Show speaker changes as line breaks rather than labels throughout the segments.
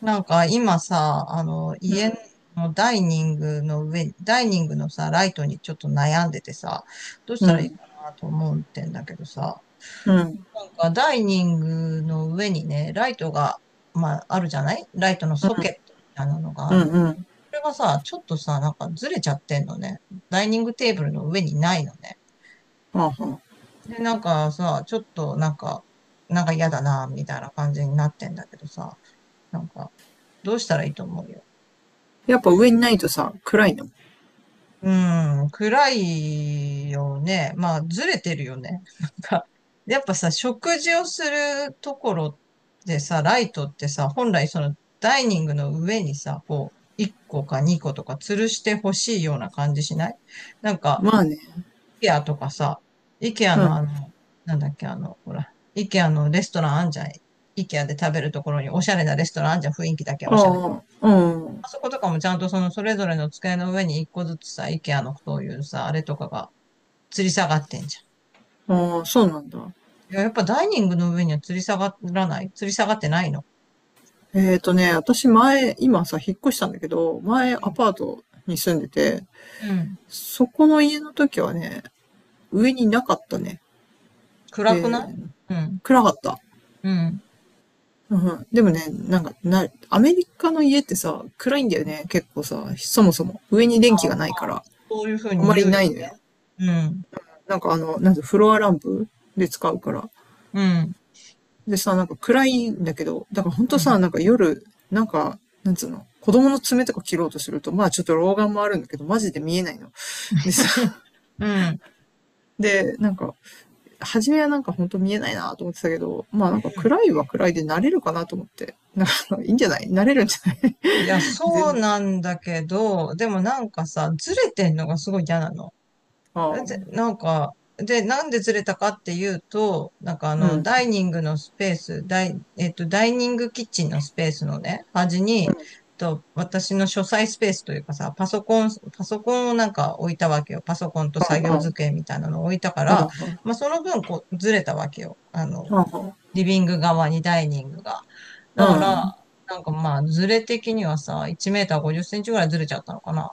なんか今さ、
う
家のダイニングのさ、ライトにちょっと悩んでてさ、どうし
ん、う
たらいいか
ん、
なと思ってんだけどさ、
うん、
なんかダイニングの上にね、ライトが、まあ、あるじゃない？ライトのソケットみたいなのが
う
あ
ん。
る。
うん、
それがさ、ちょっとさ、なんかずれちゃってんのね。ダイニングテーブルの上にないのね。
はあはあ。
で、なんかさ、ちょっとなんか、なんか嫌だな、みたいな感じになってんだけどさ、なんか、どうしたらいいと思う？よ。
やっぱ上にないとさ、暗いの。
うん、暗いよね。まあ、ずれてるよね。なんか、やっぱさ、食事をするところでさ、ライトってさ、本来そのダイニングの上にさ、こう、1個か2個とか吊るしてほしいような感じしない？なんか、
まあね。
イケアとかさ、イケア
う
の
ん。
あの、なんだっけ、あの、ほら、イケアのレストランあんじゃん。イケアで食べるところにおしゃれなレストランあんじゃん。雰囲気だけは
あ
おしゃれ。
あ、うん。
あそことかもちゃんとそのそれぞれの机の上に一個ずつさ、IKEA のそういうさ、あれとかが吊り下がってんじ
ああ、そうなんだ。
ゃん。いや、やっぱダイニングの上には吊り下がってないの？
私今さ、引っ越したんだけど、前
う
ア
ん。
パートに住んでて、
うん。
そこの家の時はね、上になかったね。
暗くな
え
い？
ー、
うん。
暗かった。
うん。
うん、でもね、なんか、アメリカの家ってさ、暗いんだよね、結構さ、そもそも。上に電気が
ま
ないか
あ、
ら、
そういうふう
あん
に
ま
言
り
う
な
よ
いのよ。
ね。うん。
なんかなんてフロアランプで使うから。
うん。
でさ、なんか暗いんだけど、だからほん
う
と
ん。
さ、なんか夜、なんか、なんつうの、子供の爪とか切ろうとすると、まあちょっと老眼もあるんだけど、マジで見えないの。でさ、
うん。
で、なんか、初めはなんかほんと見えないなと思ってたけど、まあなんか
うん。
暗いは暗いで慣れるかなと思って。なんか、いいんじゃない？慣れるんじゃない？
いや、
全
そう
然。
なんだけど、でもなんかさ、ずれてんのがすごい嫌なの。
ああ、
で、なんか、で、なんでずれたかっていうと、なんかあ
う
の、
ん。
ダイニングのスペース、ダイ、えっと、ダイニングキッチンのスペースのね、端に、私の書斎スペースというかさ、パソコンをなんか置いたわけよ。パソコンと
あ
作業
あ、
机みたいなのを置いたか
あ
ら、
あ、あ
まあ、その分、こう、ずれたわけよ。
あ、ああ、
リビング側にダイニングが。
う
だから、
ん。
なんかまあ、ずれ的にはさ、1メーター50センチぐらいずれちゃったのかな。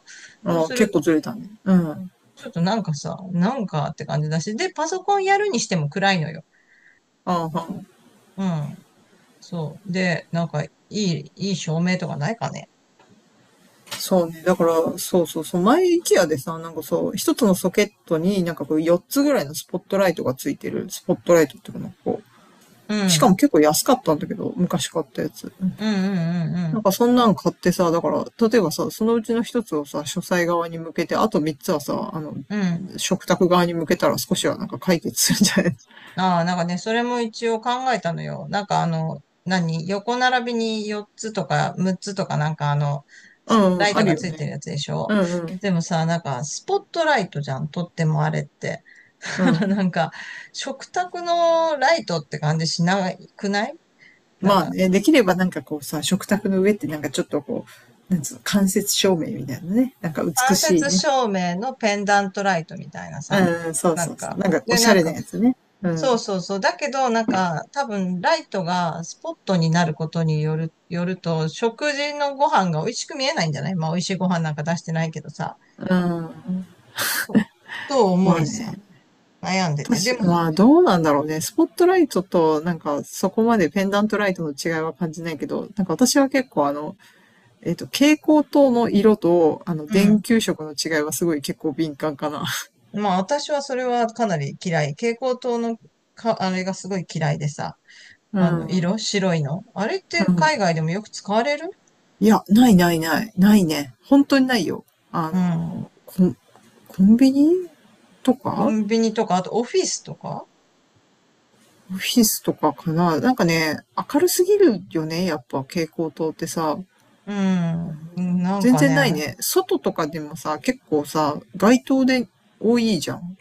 そう
ああ、
する
結構ずれたね。うん。
ちょっとなんかさ、なんかって感じだし、で、パソコンやるにしても暗いのよ。
ああ、
うん。そう。で、なんか、いい照明とかないかね。
そうね。だから、そうそうそう。前、イケアでさ、なんかそう、一つのソケットになんかこう、4つぐらいのスポットライトがついてる。スポットライトっていうかなんかこ
う
う。しか
ん。
も結構安かったんだけど、昔買ったやつ。
うんうんう
な
ん
んかそんなん買ってさ、だから、例えばさ、そのうちの一つをさ、書斎側に向けて、あと3つはさ、あの、
うん。うん。
食卓側に向けたら少しはなんか解決するんじゃない？
ああ、なんかね、それも一応考えたのよ。なんか何横並びに4つとか6つとかなんか
うん、う
ライ
ん、あ
ト
る
が
よ
ついてる
ね。
やつでしょ？
うんうん。
でもさ、なんか、スポットライトじゃん。とってもあれって。
う
な
ん。
んか、食卓のライトって感じしなくない？なん
まあ
か、
ね、できればなんかこうさ、食卓の上ってなんかちょっとこう、なんつうの、間接照明みたいなね。なんか美
間
しい
接
ね。
照明のペンダントライトみたいなさ、
うん、そう
なん
そうそう。
か、
なんかお
で、
しゃ
なん
れな
か、
やつね。う
そう
ん。
そうそう。だけど、なんか、多分、ライトがスポットになることによる、よると、食事のご飯が美味しく見えないんじゃない？まあ、美味しいご飯なんか出してないけどさ。
うん。
そうと思
まあ
いさ、
ね。
悩んでて。で
私、
も、
まあどうなんだろうね。スポットライトとなんかそこまでペンダントライトの違いは感じないけど、なんか私は結構あの、蛍光灯の色と、
う
電
ん。
球色の違いはすごい結構敏感かな。
まあ、私はそれはかなり嫌い。蛍光灯のあれがすごい嫌いでさ。
うん。
色白いの。あれっ
う
て
ん。
海外でもよく使われる？
いや、ないないない。ないね。本当にないよ。あ
うん。
の、コン、コンビニと
コ
か
ンビニとか、あとオフィスとか？
オフィスとかかな？なんかね、明るすぎるよね。やっぱ蛍光灯ってさ。
うん。うんなん
全
か
然ない
ね、
ね。外とかでもさ、結構さ、街灯で多いじゃん。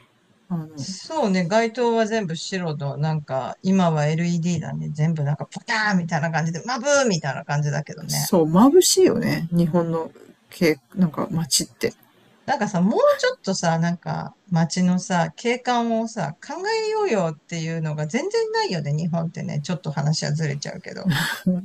あの、
そうね、街灯は全部白と、なんか、今は LED だね。全部なんか、ポターンみたいな感じで、マブーみたいな感じだけどね。
そう、眩しいよね。日本の、なんか街って。
なんかさ、もうちょっとさ、なんか、街のさ、景観をさ、考えようよっていうのが全然ないよね、日本ってね。ちょっと話はずれちゃうけど。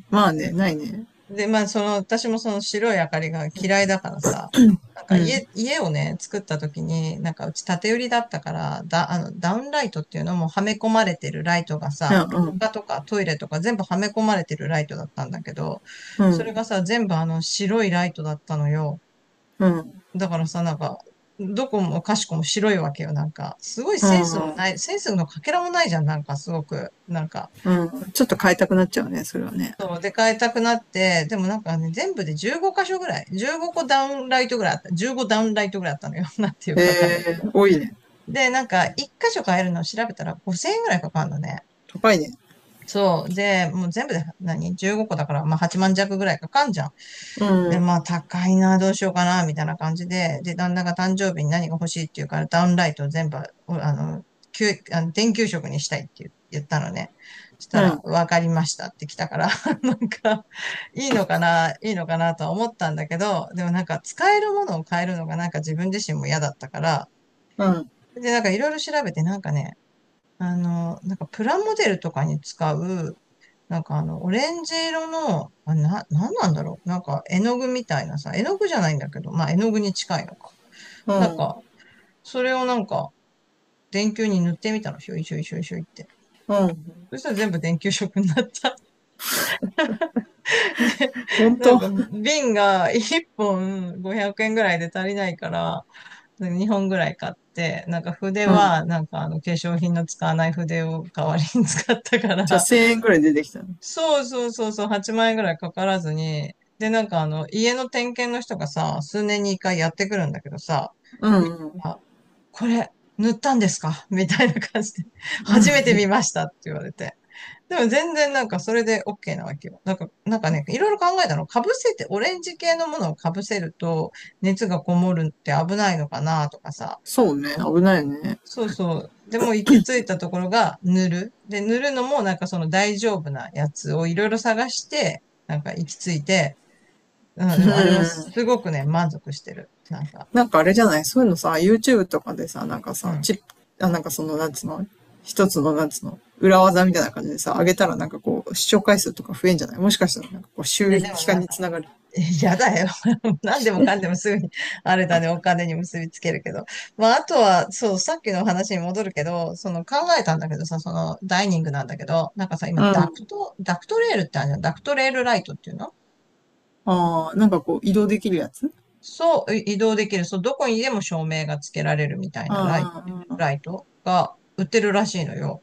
まあね、ないね。
で、まあ、その、私もその白い明かりが嫌いだからさ、なん
う
か
ん。
家をね、作った時に、なんかうち縦売りだったから、だ、あの、ダウンライトっていうのもはめ込まれてるライトが
う
さ、廊
ん、
下とかトイレとか全部はめ込まれてるライトだったんだけど、
う
それ
ん、
がさ、全部白いライトだったのよ。
うん、うん、
だからさ、なんか、どこもかしこも白いわけよ、なんか。すごい
う
センスも
ん、う
ない、センスのかけらもないじゃん、なんかすごく。なんか、
ん。ちょっと変えたくなっちゃうね、それはね。
そう、で、変えたくなって、でもなんかね、全部で15箇所ぐらい、15個ダウンライトぐらいあった、15ダウンライトぐらいあったのよ。なんていう
へ
かわかんないけど。
え、多いね。
で、なんか、1箇所変えるのを調べたら5000円ぐらいかかるのね。
高いね。
そう。で、もう全部で何？ 15 個だから、まあ8万弱ぐらいかかんじゃん。
う
で、
ん、
まあ、高いな、どうしようかな、みたいな感じで、で、旦那が誕生日に何が欲しいって言うから、ダウンライトを全部、おあの、きゅあの電球色にしたいって言ったのね。そし
う
たら、
ん、
わかりましたって来たから、なんか、いいのかな、いいのかなとは思ったんだけど、でもなんか、使えるものを変えるのがなんか自分自身も嫌だったから、
うん、
で、なんかいろいろ調べて、なんかね、なんかプラモデルとかに使う、なんかオレンジ色の、なんなんだろう。なんか絵の具みたいなさ、絵の具じゃないんだけど、まあ絵の具に近いのか。
う
なん
ん、
か、それをなんか、電球に塗ってみたの、しょいしょいしょいしょいって。
うん。
そしたら全部電球色になった。で、
ほん
なん
と？
か瓶が1本500円ぐらいで足りないから、2本ぐらい買って、なんか筆
うん。
は、なんか化粧品の使わない筆を代わりに使ったか
じゃあ
ら、
1000円ぐらい出てきたね。
そうそうそうそう、8万円ぐらいかからずに、で、なんか家の点検の人がさ、数年に一回やってくるんだけどさ、
う
見て
ん、うん。
あ、これ、塗ったんですか？ みたいな感じで、初めて見ましたって言われて。でも全然なんかそれで OK なわけよ。なんか、なんかね、いろいろ考えたの。被せて、オレンジ系のものを被せると熱がこもるって危ないのかなとかさ、
そうね、危ないね。
そうそう。でもう行き着いたところが塗る。で、塗るのもなんかその大丈夫なやつをいろいろ探して、なんか行き着いて、うん、
う
で
ん。
もあれはす
うん。
ごくね、満足してる。なんか、
なんかあれじゃない？そういうのさ、YouTube とかでさ、なんか
う
さ、
ん。
チップ、あ、なんかその、なんつうの、一つの、なんつうの裏技みたいな感じでさ、上げたらなんかこう、視聴回数とか増えんじゃない？もしかしたらなんかこう、収
で、でも
益化
なん
に
か、
つながる。
やだよ。何でもかんでもすぐに、あれだね、お金に結びつけるけど。まあ、あとは、そう、さっきの話に戻るけど、その考えたんだけどさ、そのダイニングなんだけど、なんかさ、今、
う
ダク
ん。
ト、ダクトレールってあるじゃん。ダクトレールライトっていうの？
ああ、なんかこう、移動できるやつ？
そう、移動できる。そう、どこにでも照明がつけられるみたいなライ、
ああ、
ライトが売ってるらしいのよ。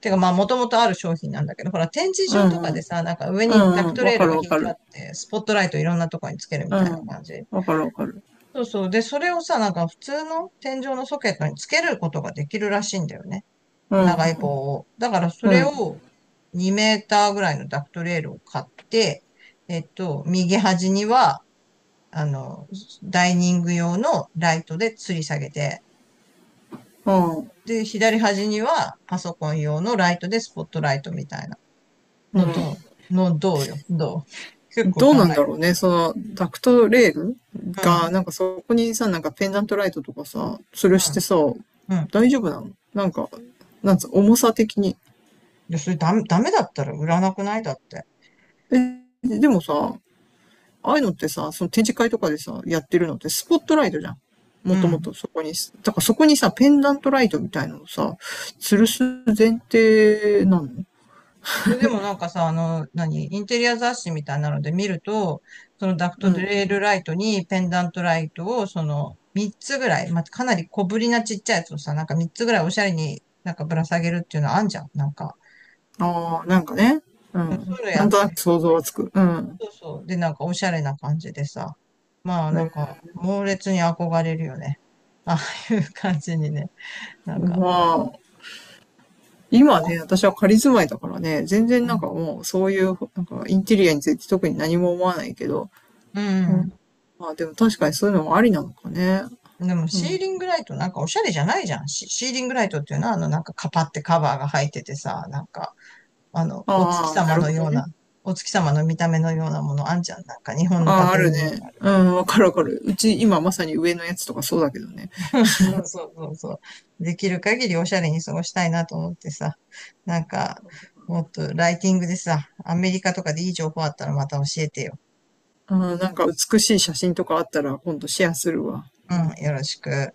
てか、まあ、もともとある商品なんだけど、ほら、展示
うん
場と
うん
か
う
で
ん。
さ、なんか上
うんうん。
に
う
ダ
ん
ク
うん。
ト
わ
レー
か
ル
る
が
わ
引い
か
てあっ
る。
て、スポットライトいろんなとこにつけるみ
う
たいな感
ん。
じ。
わかるわかる。
そうそう。で、それをさ、なんか普通の天井のソケットにつけることができるらしいんだよね。
うん、う
長い棒
ん、
を。だから、そ
う
れ
ん、
を2メーターぐらいのダクトレールを買って、右端には、あの、ダイニング用のライトで吊り下げて、
うん。
で、左端にはパソコン用のライトでスポットライトみたいな
うん。
のどう？のどうよ？どう？結構
どう
考
なん
え
だ
る。
ろうね。その、ダクトレール
う
が、
ん、
なんかそこにさ、なんかペンダントライトとかさ、吊るしてさ、
うん、うん。
大丈夫なの？なんか、なんつう、重さ的に。
いや、それダメ、ダメだったら売らなくないだって。
え、でもさ、ああいうのってさ、その展示会とかでさ、やってるのってスポットライトじゃん。も
う
とも
ん。
とそこに、だからそこにさ、ペンダントライトみたいなのをさ、吊るす前提なの？
いや、でもなんかさ、何インテリア雑誌みたいなので見ると、そのダク
う
ト
ん。
レールライトにペンダントライトを、その、3つぐらい、まあ、かなり小ぶりなちっちゃいやつをさ、なんか3つぐらいおしゃれになんかぶら下げるっていうのあんじゃん。なんか、
ああ、なんかね。う
そう
ん。
いうのや
なん
っ
と
て
な
る
く
人
想像
がい
はつ
た。
く。うん。
そうそう。で、なんかおしゃれな感じでさ。まあな
え
ん
ー
か猛烈に憧れるよね。ああいう感じにね。なんか、
ま
まあ、
あ、今ね、私は仮住まいだからね、全然
う
なん
ん。
かもうそういう、なんかインテリアについて特に何も思わないけど、
う
うん、
ん。
まあでも確かにそういうのもありなのかね。
でも
う
シー
ん。
リングライトなんかおしゃれじゃないじゃん。シーリングライトっていうのはあのなんかカパってカバーが入っててさ、なんかあのお月
ああ、な
様
る
の
ほど
よう
ね。
な、お月様の見た目のようなものあんじゃん。なんか日本の
あ
家
あ、あ
庭
るね。
に。
うん、わかるわかる。うち今まさに上のやつとかそうだけどね。
そうそうそうそう。できる限りおしゃれに過ごしたいなと思ってさ。なんか、もっとライティングでさ、アメリカとかでいい情報あったらまた教えてよ。
うん、なんか美しい写真とかあったら今度シェアするわ。うん。
うん、よろしく。